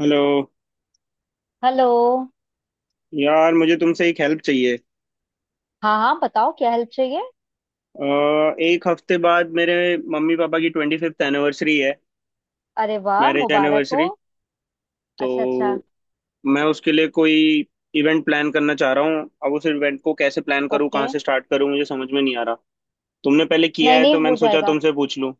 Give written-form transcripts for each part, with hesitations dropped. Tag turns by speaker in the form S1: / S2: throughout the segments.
S1: Hello.
S2: Hello.
S1: यार मुझे तुमसे एक हेल्प चाहिए।
S2: हाँ हाँ बताओ क्या हेल्प चाहिए।
S1: अ, एक हफ्ते बाद मेरे मम्मी पापा की 25वीं एनिवर्सरी है,
S2: अरे वाह
S1: मैरिज
S2: मुबारक हो।
S1: एनिवर्सरी।
S2: अच्छा अच्छा।
S1: तो मैं उसके लिए कोई इवेंट प्लान करना चाह रहा हूँ। अब उस इवेंट को कैसे प्लान करूँ,
S2: ओके।
S1: कहाँ से स्टार्ट करूँ, मुझे समझ में नहीं आ रहा। तुमने पहले किया
S2: नहीं
S1: है
S2: नहीं
S1: तो
S2: हो
S1: मैंने सोचा
S2: जाएगा।
S1: तुमसे पूछ लूँ।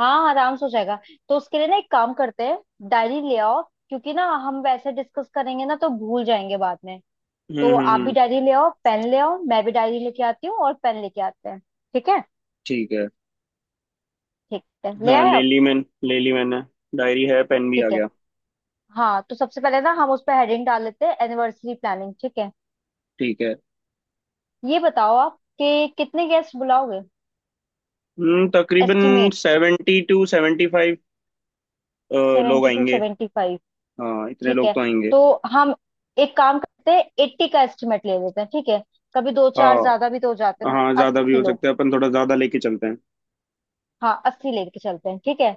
S2: हाँ आराम से हो जाएगा। तो उसके लिए ना एक काम करते हैं, डायरी ले आओ। क्योंकि ना हम वैसे डिस्कस करेंगे ना तो भूल जाएंगे बाद में। तो आप भी
S1: हम्म।
S2: डायरी ले आओ पेन ले आओ, मैं भी डायरी लेके आती हूँ और पेन लेके आते हैं। ठीक है।
S1: ठीक है।
S2: ठीक है ले
S1: हाँ
S2: आए
S1: ले
S2: आप?
S1: ली मैंने, ले ली मैंने। डायरी है, पेन भी आ
S2: ठीक है।
S1: गया।
S2: हाँ तो सबसे पहले ना हम उस पर हेडिंग डाल लेते हैं, एनिवर्सरी प्लानिंग। ठीक है।
S1: ठीक है।
S2: ये बताओ आप कि कितने गेस्ट बुलाओगे।
S1: हम्म, तकरीबन
S2: एस्टिमेट।
S1: 72 से 75 लोग
S2: 72 टू
S1: आएंगे।
S2: सेवेंटी।
S1: हाँ, इतने
S2: ठीक
S1: लोग
S2: है।
S1: तो आएंगे।
S2: तो हम एक काम करते हैं 80 का एस्टिमेट ले लेते हैं, ठीक है। कभी दो चार ज्यादा
S1: हाँ।
S2: भी तो हो जाते हैं ना,
S1: हाँ, ज्यादा भी
S2: 80
S1: हो
S2: लोग।
S1: सकते हैं, अपन थोड़ा ज्यादा लेके चलते हैं।
S2: हाँ 80 लेके चलते हैं, ठीक है।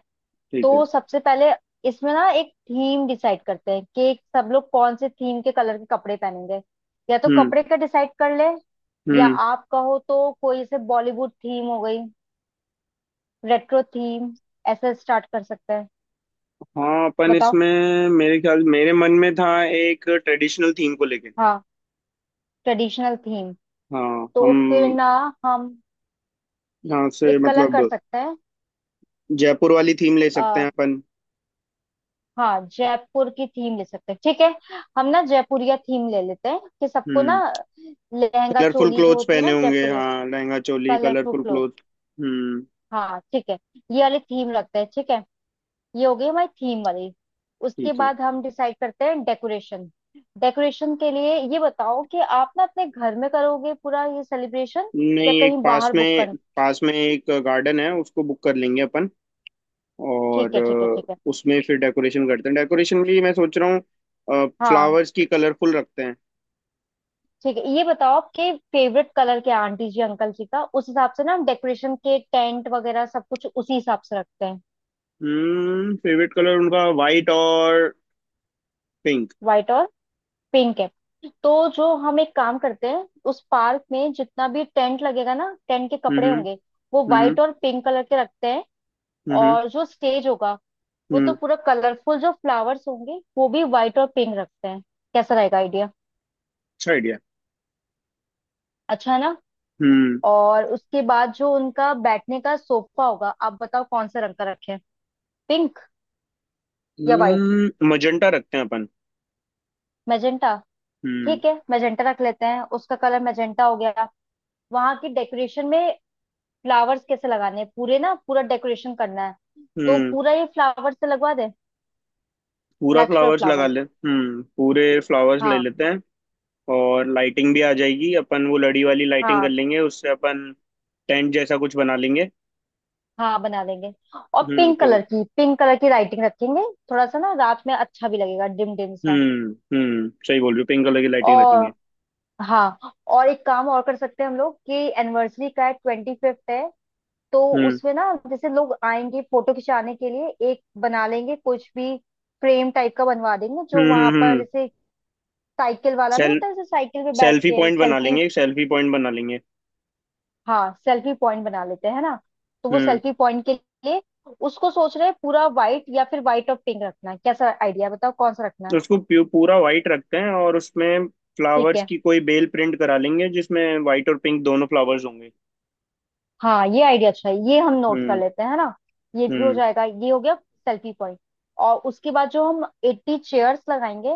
S1: ठीक है।
S2: तो सबसे पहले इसमें ना एक थीम डिसाइड करते हैं कि सब लोग कौन से थीम के कलर के कपड़े पहनेंगे। या तो
S1: हम्म।
S2: कपड़े का डिसाइड कर ले, या
S1: हम्म।
S2: आप कहो तो कोई ऐसे बॉलीवुड थीम हो गई, रेट्रो थीम, ऐसे स्टार्ट कर सकते हैं।
S1: हाँ अपन
S2: बताओ।
S1: इसमें मेरे मन में था एक ट्रेडिशनल थीम को लेके।
S2: हाँ ट्रेडिशनल थीम।
S1: हाँ।
S2: तो फिर
S1: हम।
S2: ना हम
S1: यहाँ से
S2: एक कलर कर
S1: मतलब
S2: सकते
S1: जयपुर वाली थीम ले सकते
S2: हैं।
S1: हैं अपन।
S2: हाँ जयपुर की थीम ले सकते हैं, ठीक है। हम ना जयपुरिया थीम ले लेते हैं, कि सबको ना
S1: हम्म।
S2: लहंगा
S1: कलरफुल
S2: चोली जो
S1: क्लोथ्स
S2: होती है
S1: पहने
S2: ना
S1: होंगे,
S2: जयपुरिया,
S1: हाँ लहंगा चोली
S2: कलरफुल
S1: कलरफुल
S2: क्लोथ।
S1: क्लोथ। हम्म।
S2: हाँ ठीक है, ये वाली थीम रखते हैं, ठीक है। ये हो गई हमारी थीम वाली। उसके
S1: ठीक है।
S2: बाद हम डिसाइड करते हैं डेकोरेशन। डेकोरेशन के लिए ये बताओ कि आप ना अपने घर में करोगे पूरा ये सेलिब्रेशन, या
S1: नहीं, एक
S2: कहीं
S1: पास
S2: बाहर बुक
S1: में।
S2: कर।
S1: पास में एक गार्डन है, उसको बुक कर लेंगे अपन।
S2: ठीक
S1: और
S2: है ठीक है ठीक है,
S1: उसमें फिर डेकोरेशन करते हैं। डेकोरेशन के लिए मैं सोच रहा हूँ
S2: हाँ
S1: फ्लावर्स की कलरफुल रखते हैं।
S2: ठीक है। ये बताओ आपके फेवरेट कलर क्या है आंटी जी अंकल जी का, उस हिसाब से ना हम डेकोरेशन के टेंट वगैरह सब कुछ उसी हिसाब से रखते हैं।
S1: हम्म, फेवरेट कलर उनका वाइट और पिंक।
S2: व्हाइट और पिंक है। तो जो हम एक काम करते हैं, उस पार्क में जितना भी टेंट लगेगा ना टेंट के कपड़े
S1: हम्म
S2: होंगे, वो
S1: हम्म
S2: व्हाइट और पिंक कलर के रखते हैं।
S1: हम्म।
S2: और जो स्टेज होगा, वो तो
S1: हम्म,
S2: पूरा कलरफुल, जो फ्लावर्स होंगे वो भी व्हाइट और पिंक रखते हैं। कैसा रहेगा आइडिया?
S1: अच्छा आइडिया।
S2: अच्छा है ना।
S1: हम्म।
S2: और उसके बाद जो उनका बैठने का सोफा होगा, आप बताओ कौन से रंग का रखें, पिंक या व्हाइट?
S1: हम्म, मजेंटा रखते हैं अपन।
S2: मैजेंटा।
S1: हम्म।
S2: ठीक है मैजेंटा रख लेते हैं, उसका कलर मैजेंटा हो गया। वहां की डेकोरेशन में फ्लावर्स कैसे लगाने हैं, पूरे ना पूरा डेकोरेशन करना है, तो
S1: हम्म,
S2: पूरा ये फ्लावर्स से लगवा दे,
S1: पूरा
S2: नेचुरल
S1: फ्लावर्स लगा
S2: फ्लावर्स।
S1: ले। हम्म, पूरे फ्लावर्स ले
S2: हाँ
S1: लेते हैं। और लाइटिंग भी आ जाएगी, अपन वो लड़ी वाली लाइटिंग कर
S2: हाँ
S1: लेंगे, उससे अपन टेंट जैसा कुछ बना लेंगे।
S2: हाँ बना देंगे। और
S1: हम्म, तो।
S2: पिंक कलर की लाइटिंग रखेंगे, थोड़ा सा ना रात में अच्छा भी लगेगा डिम डिम सा।
S1: हम्म। हम्म, सही बोल रही हो, पिंक कलर की लाइटिंग रखेंगे।
S2: और हाँ, और एक काम और कर सकते हैं हम लोग कि एनिवर्सरी का है, 25th है तो
S1: हम्म
S2: उसमें ना जैसे लोग आएंगे फोटो खिंचाने के लिए एक बना लेंगे कुछ भी, फ्रेम टाइप का बनवा देंगे, जो वहां पर
S1: हम्म।
S2: जैसे साइकिल वाला नहीं
S1: सेल
S2: होता जैसे साइकिल पे बैठ
S1: सेल्फी
S2: के
S1: पॉइंट बना
S2: सेल्फी।
S1: लेंगे, एक सेल्फी पॉइंट बना लेंगे।
S2: हाँ सेल्फी पॉइंट बना लेते हैं ना। तो वो
S1: हम्म,
S2: सेल्फी पॉइंट के लिए उसको सोच रहे हैं पूरा व्हाइट या फिर व्हाइट और पिंक रखना है, कैसा आइडिया बताओ कौन सा रखना है।
S1: उसको पूरा वाइट रखते हैं और उसमें
S2: ठीक
S1: फ्लावर्स
S2: है।
S1: की कोई बेल प्रिंट करा लेंगे जिसमें वाइट और पिंक दोनों फ्लावर्स होंगे।
S2: हाँ ये आइडिया अच्छा है, ये हम नोट कर
S1: हम्म
S2: लेते हैं है ना। ये भी हो
S1: हम्म
S2: जाएगा, ये हो गया सेल्फी पॉइंट। और उसके बाद जो हम 80 चेयर्स लगाएंगे,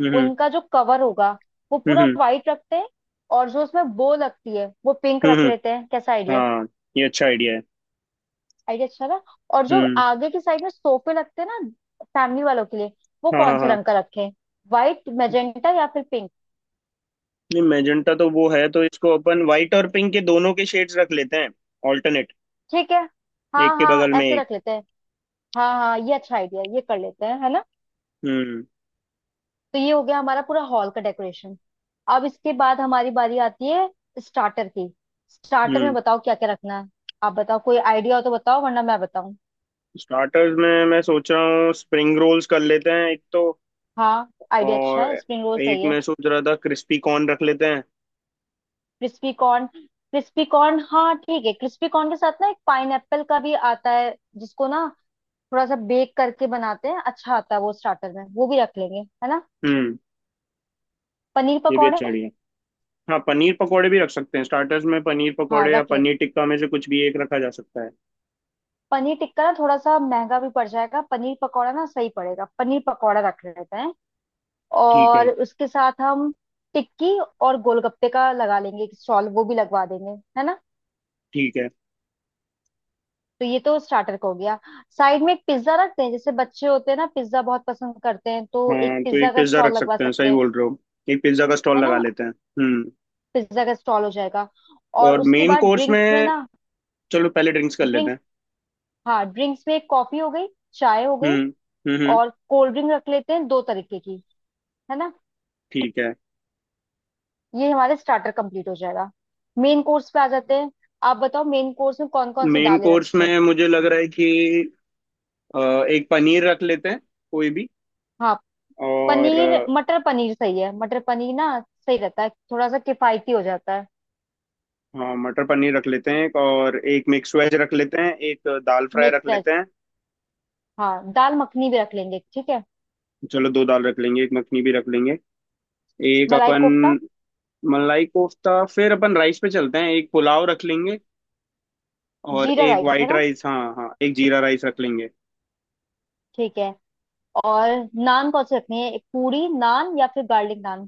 S1: हम्म।
S2: उनका जो कवर होगा वो
S1: हम्म,
S2: पूरा वाइट रखते हैं। और जो उसमें बो लगती है वो पिंक
S1: हम्म,
S2: रख
S1: हम्म,
S2: लेते हैं, कैसा आइडिया है?
S1: हाँ ये अच्छा आइडिया है।
S2: आइडिया अच्छा था। और जो
S1: हम्म।
S2: आगे की साइड में सोफे लगते हैं ना, फैमिली वालों के लिए, वो
S1: हाँ
S2: कौन
S1: हाँ
S2: से
S1: हाँ।
S2: रंग का रखें, वाइट मैजेंटा या फिर पिंक?
S1: नहीं, मेजेंटा तो वो है, तो इसको अपन व्हाइट और पिंक के दोनों के शेड्स रख लेते हैं, ऑल्टरनेट,
S2: ठीक है,
S1: एक
S2: हाँ
S1: के
S2: हाँ
S1: बगल में
S2: ऐसे
S1: एक।
S2: रख लेते हैं। हाँ हाँ ये अच्छा आइडिया है, ये कर लेते हैं है ना।
S1: हम्म।
S2: तो ये हो गया हमारा पूरा हॉल का डेकोरेशन। अब इसके बाद हमारी बारी आती है स्टार्टर की। स्टार्टर में
S1: हम्म।
S2: बताओ क्या क्या रखना है। आप बताओ कोई आइडिया हो तो बताओ, वरना मैं बताऊं।
S1: स्टार्टर्स में मैं सोच रहा हूँ स्प्रिंग रोल्स कर लेते हैं एक तो।
S2: हाँ आइडिया अच्छा
S1: और
S2: है, स्प्रिंग रोल
S1: एक
S2: सही है।
S1: मैं सोच रहा था क्रिस्पी कॉर्न रख लेते हैं।
S2: क्रिस्पी कॉर्न, क्रिस्पी कॉर्न हाँ ठीक है। क्रिस्पी कॉर्न के साथ ना एक पाइन का भी आता है, जिसको ना थोड़ा सा बेक करके बनाते हैं, अच्छा आता है वो स्टार्टर में, वो भी रख लेंगे है ना।
S1: हम्म,
S2: पनीर
S1: ये भी
S2: पकौड़े।
S1: अच्छा आइडिया। हाँ पनीर पकोड़े भी रख सकते हैं, स्टार्टर्स में पनीर
S2: हाँ
S1: पकोड़े या
S2: रख लेंगे।
S1: पनीर टिक्का में से कुछ भी एक रखा जा सकता है।
S2: पनीर टिक्का ना थोड़ा सा महंगा भी पड़ जाएगा, पनीर पकौड़ा ना सही पड़ेगा, पनीर पकौड़ा रख लेते हैं।
S1: ठीक है।
S2: और उसके साथ हम टिक्की और गोलगप्पे का लगा लेंगे एक स्टॉल, वो भी लगवा देंगे है ना।
S1: ठीक है।
S2: तो ये तो स्टार्टर का हो गया। साइड में एक पिज्जा रखते हैं, जैसे बच्चे होते हैं ना पिज्जा बहुत पसंद करते हैं, तो एक
S1: हाँ तो
S2: पिज्जा
S1: एक
S2: का
S1: पिज्ज़ा
S2: स्टॉल
S1: रख
S2: लगवा
S1: सकते हैं,
S2: सकते
S1: सही
S2: हैं
S1: बोल रहे हो, एक पिज्ज़ा का
S2: है
S1: स्टॉल लगा
S2: ना।
S1: लेते हैं। हम्म।
S2: पिज्जा का स्टॉल हो जाएगा। और
S1: और
S2: उसके
S1: मेन
S2: बाद
S1: कोर्स
S2: ड्रिंक्स में
S1: में,
S2: ना,
S1: चलो पहले ड्रिंक्स कर लेते
S2: ड्रिंक्स,
S1: हैं।
S2: हाँ ड्रिंक्स में एक कॉफी हो गई, चाय हो गई,
S1: हम्म हम्म हम्म,
S2: और कोल्ड ड्रिंक रख लेते हैं दो तरीके की है ना।
S1: ठीक है।
S2: ये हमारे स्टार्टर कंप्लीट हो जाएगा। मेन कोर्स पे आ जाते हैं। आप बताओ मेन कोर्स में कौन कौन सी
S1: मेन
S2: दालें
S1: कोर्स
S2: रखें।
S1: में मुझे लग रहा है कि अ, एक पनीर रख लेते हैं कोई भी।
S2: हाँ
S1: और
S2: पनीर मटर पनीर सही है, मटर पनीर ना सही रहता है, थोड़ा सा किफायती हो जाता है।
S1: हाँ मटर पनीर रख लेते हैं एक, और एक मिक्स वेज रख लेते हैं, एक दाल फ्राई रख
S2: मिक्स।
S1: लेते हैं।
S2: हाँ दाल मखनी भी रख लेंगे, ठीक है।
S1: चलो दो दाल रख लेंगे, एक मखनी भी रख लेंगे। एक
S2: मलाई
S1: अपन
S2: कोफ्ता।
S1: मलाई कोफ्ता। फिर अपन राइस पे चलते हैं, एक पुलाव रख लेंगे। और
S2: जीरा
S1: एक
S2: राइस है
S1: वाइट
S2: ना,
S1: राइस, हाँ हाँ, एक जीरा राइस रख लेंगे।
S2: ठीक है। और नान कौन से रखनी है, एक पूरी नान या फिर गार्लिक नान,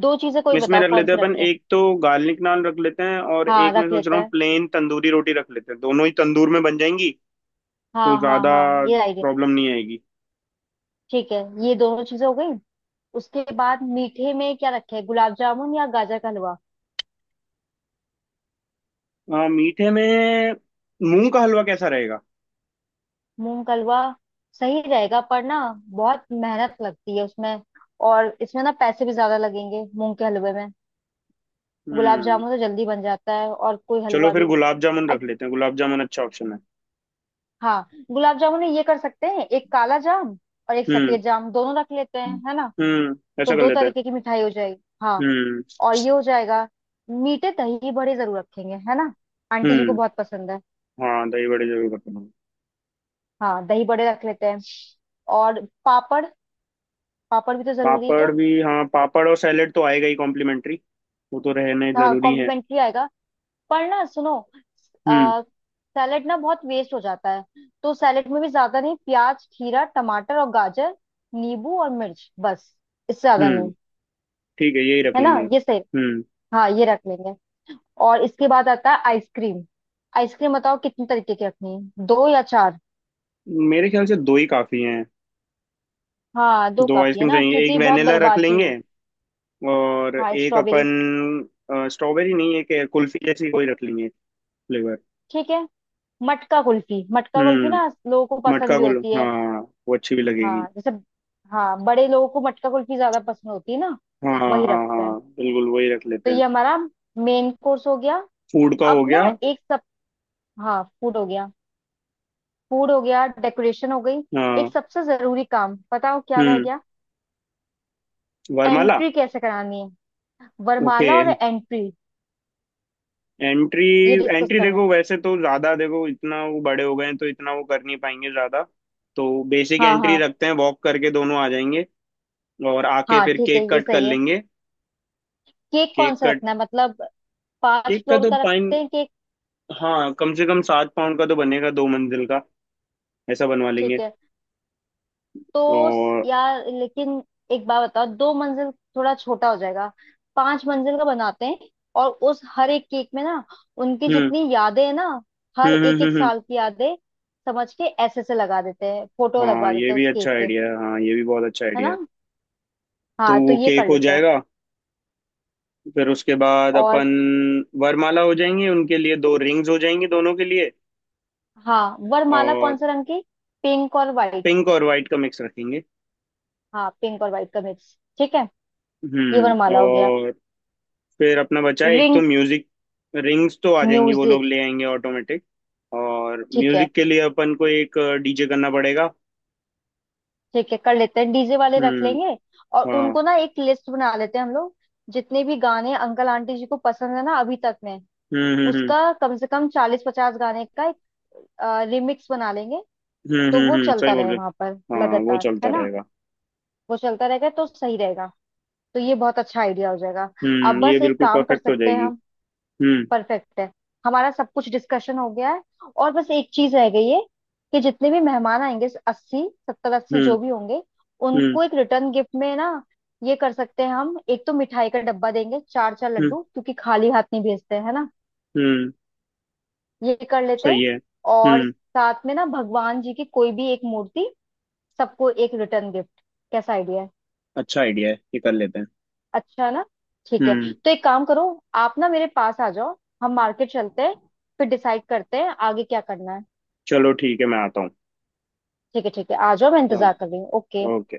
S2: दो चीजें कोई
S1: इसमें
S2: बताओ
S1: रख
S2: कौन
S1: लेते
S2: से
S1: हैं अपन
S2: रखें।
S1: एक तो गार्लिक नान रख लेते हैं और
S2: हाँ
S1: एक मैं
S2: रख
S1: सोच
S2: लेते
S1: रहा हूँ
S2: हैं,
S1: प्लेन तंदूरी रोटी रख लेते हैं, दोनों ही तंदूर में बन जाएंगी तो
S2: हाँ हाँ
S1: ज्यादा
S2: हाँ ये आइडिया।
S1: प्रॉब्लम नहीं आएगी।
S2: ठीक है, ये दोनों चीजें हो गई। उसके बाद मीठे में क्या रखें, गुलाब जामुन या गाजर का हलवा?
S1: हाँ मीठे में मूंग का हलवा कैसा रहेगा?
S2: मूंग का हलवा सही रहेगा पर ना बहुत मेहनत लगती है उसमें, और इसमें ना पैसे भी ज्यादा लगेंगे मूंग के हलवे में। गुलाब
S1: हम्म।
S2: जामुन तो जल्दी बन जाता है और कोई
S1: चलो
S2: हलवा
S1: फिर
S2: भी।
S1: गुलाब जामुन रख लेते हैं, गुलाब जामुन अच्छा ऑप्शन है।
S2: हाँ गुलाब जामुन में ये कर सकते हैं, एक काला जाम और एक
S1: हम्म।
S2: सफेद जाम दोनों रख लेते हैं है ना।
S1: हम्म,
S2: तो
S1: ऐसा कर
S2: दो
S1: लेते हैं।
S2: तरीके की मिठाई हो जाएगी हाँ।
S1: हम्म।
S2: और ये हो जाएगा। मीठे दही बड़े जरूर रखेंगे है ना, आंटी जी को
S1: हम्म।
S2: बहुत पसंद है।
S1: हाँ दही बड़े जरूर रखना।
S2: हाँ दही बड़े रख लेते हैं। और पापड़, पापड़ भी तो जरूरी है।
S1: पापड़ भी हाँ, पापड़ और सैलेड तो आएगा ही, कॉम्प्लीमेंट्री वो तो रहने
S2: हाँ
S1: जरूरी है।
S2: कॉम्प्लीमेंट्री आएगा। पर ना सुनो,
S1: हम्म।
S2: आ, सैलेड ना बहुत वेस्ट हो जाता है, तो सैलेड में भी ज्यादा नहीं, प्याज खीरा टमाटर और गाजर, नींबू और मिर्च बस, इससे ज्यादा
S1: हम्म।
S2: नहीं।
S1: ठीक है, यही रख
S2: है ना
S1: लेंगे।
S2: ये सही।
S1: हम्म,
S2: हाँ ये रख लेंगे। और इसके बाद आता है आइसक्रीम। आइसक्रीम बताओ कितने तरीके की रखनी है, दो या चार?
S1: मेरे ख्याल से दो ही काफी हैं।
S2: हाँ दो
S1: दो
S2: काफी है
S1: आइसक्रीम
S2: ना,
S1: चाहिए, एक
S2: क्योंकि बहुत
S1: वेनिला रख
S2: बर्बादी
S1: लेंगे
S2: है।
S1: और
S2: हाँ
S1: एक
S2: स्ट्रॉबेरी।
S1: अपन, स्ट्रॉबेरी नहीं, एक कुल्फी जैसी कोई रख लेंगे, फ्लेवर।
S2: ठीक है। मटका कुल्फी, मटका कुल्फी
S1: हम्म,
S2: ना लोगों को पसंद
S1: मटका
S2: भी
S1: गुल
S2: होती है।
S1: हाँ, वो अच्छी भी लगेगी।
S2: हाँ जैसे, हाँ बड़े लोगों को मटका कुल्फी ज्यादा पसंद होती है ना।
S1: हाँ हाँ
S2: वही
S1: हाँ हाँ
S2: रखते हैं।
S1: हाँ, बिल्कुल वही रख
S2: तो
S1: लेते हैं।
S2: ये हमारा मेन कोर्स हो गया।
S1: फूड का
S2: अब
S1: हो गया।
S2: ना एक सब, हाँ फूड हो गया। फूड हो गया, डेकोरेशन हो गई।
S1: हाँ।
S2: एक सबसे जरूरी काम बताओ क्या रह
S1: हम्म।
S2: गया।
S1: वरमाला।
S2: एंट्री कैसे करानी है?
S1: ओके,
S2: वरमाला और एंट्री,
S1: एंट्री।
S2: ये डिस्कस
S1: एंट्री
S2: करना है।
S1: देखो, वैसे तो ज्यादा देखो, इतना वो बड़े हो गए हैं तो इतना वो कर नहीं पाएंगे ज्यादा। तो बेसिक
S2: हाँ
S1: एंट्री
S2: हाँ
S1: रखते हैं, वॉक करके दोनों आ जाएंगे। और आके
S2: हाँ,
S1: फिर
S2: ठीक है
S1: केक
S2: ये
S1: कट कर
S2: सही है।
S1: लेंगे।
S2: केक कौन
S1: केक
S2: सा
S1: कट।
S2: रखना है मतलब, पांच
S1: केक का
S2: फ्लोर
S1: तो
S2: का
S1: पाइन
S2: रखते हैं केक।
S1: हाँ, कम से कम 7 पाउंड का तो बनेगा, दो मंजिल का ऐसा बनवा लेंगे।
S2: ठीक है। तो
S1: और।
S2: यार लेकिन एक बात बताओ, 2 मंजिल थोड़ा छोटा हो जाएगा, 5 मंजिल का बनाते हैं। और उस हर एक केक में ना उनकी
S1: हम्म
S2: जितनी यादें हैं ना, हर
S1: हम्म
S2: एक
S1: हम्म
S2: एक
S1: हम्म हम्म।
S2: साल की यादें समझ के ऐसे से लगा देते हैं, फोटो
S1: हाँ
S2: लगवा
S1: ये
S2: देते हैं
S1: भी
S2: उस
S1: अच्छा
S2: केक पे,
S1: आइडिया है, हाँ ये भी बहुत अच्छा
S2: है
S1: आइडिया
S2: ना।
S1: है। तो
S2: हाँ तो
S1: वो
S2: ये
S1: केक
S2: कर
S1: हो
S2: लेते हैं।
S1: जाएगा। फिर उसके बाद
S2: और
S1: अपन वरमाला हो जाएंगी, उनके लिए दो रिंग्स हो जाएंगी दोनों के लिए।
S2: हाँ वरमाला
S1: और
S2: कौन सा रंग की, पिंक और व्हाइट?
S1: पिंक और वाइट का मिक्स रखेंगे।
S2: हाँ पिंक और व्हाइट का मिक्स, ठीक है। ये
S1: हम्म।
S2: वरमाला हो गया।
S1: और फिर अपना बचा है, एक तो
S2: रिंग,
S1: म्यूजिक। रिंग्स तो आ जाएंगी वो
S2: म्यूजिक।
S1: लोग ले आएंगे ऑटोमेटिक। और
S2: ठीक है
S1: म्यूजिक के लिए अपन को एक डीजे करना पड़ेगा।
S2: ठीक है कर लेते हैं, डीजे वाले रख
S1: हम्म।
S2: लेंगे। और
S1: हाँ।
S2: उनको ना एक लिस्ट बना लेते हैं हम लोग, जितने भी गाने अंकल आंटी जी को पसंद है ना अभी तक में,
S1: हम्म हम्म
S2: उसका कम से कम 40-50 गाने का एक रिमिक्स बना लेंगे। तो वो
S1: सही
S2: चलता
S1: बोल
S2: रहे
S1: रहे
S2: वहां पर
S1: हो। हाँ वो
S2: लगातार
S1: चलता
S2: है ना,
S1: रहेगा।
S2: वो चलता रहेगा तो सही रहेगा। तो ये बहुत अच्छा आइडिया हो जाएगा। अब
S1: हम्म, ये
S2: बस एक
S1: बिल्कुल
S2: काम कर
S1: परफेक्ट हो
S2: सकते हैं
S1: जाएगी।
S2: हम।
S1: हम्म
S2: परफेक्ट है, हमारा सब कुछ डिस्कशन हो गया है, और बस एक चीज रह गई है कि जितने भी मेहमान आएंगे, 80 70 80
S1: हम्म
S2: जो भी होंगे,
S1: हम्म
S2: उनको एक रिटर्न गिफ्ट में ना ये कर सकते हैं हम, एक तो मिठाई का डब्बा देंगे चार चार
S1: हम्म
S2: लड्डू, क्योंकि खाली हाथ नहीं भेजते हैं है ना।
S1: हम्म।
S2: ये कर लेते हैं।
S1: सही है।
S2: और
S1: हम्म।
S2: साथ में ना भगवान जी की कोई भी एक मूर्ति सबको, एक रिटर्न गिफ्ट, कैसा आइडिया है।
S1: अच्छा आइडिया है, ये कर लेते हैं।
S2: अच्छा है ना, ठीक है।
S1: हम्म।
S2: तो एक काम करो आप ना मेरे पास आ जाओ, हम मार्केट चलते हैं, फिर डिसाइड करते हैं आगे क्या करना है।
S1: चलो ठीक है, मैं आता हूँ।
S2: ठीक है ठीक है आ जाओ, मैं
S1: हाँ।
S2: इंतजार कर रही हूँ। ओके।
S1: ओके।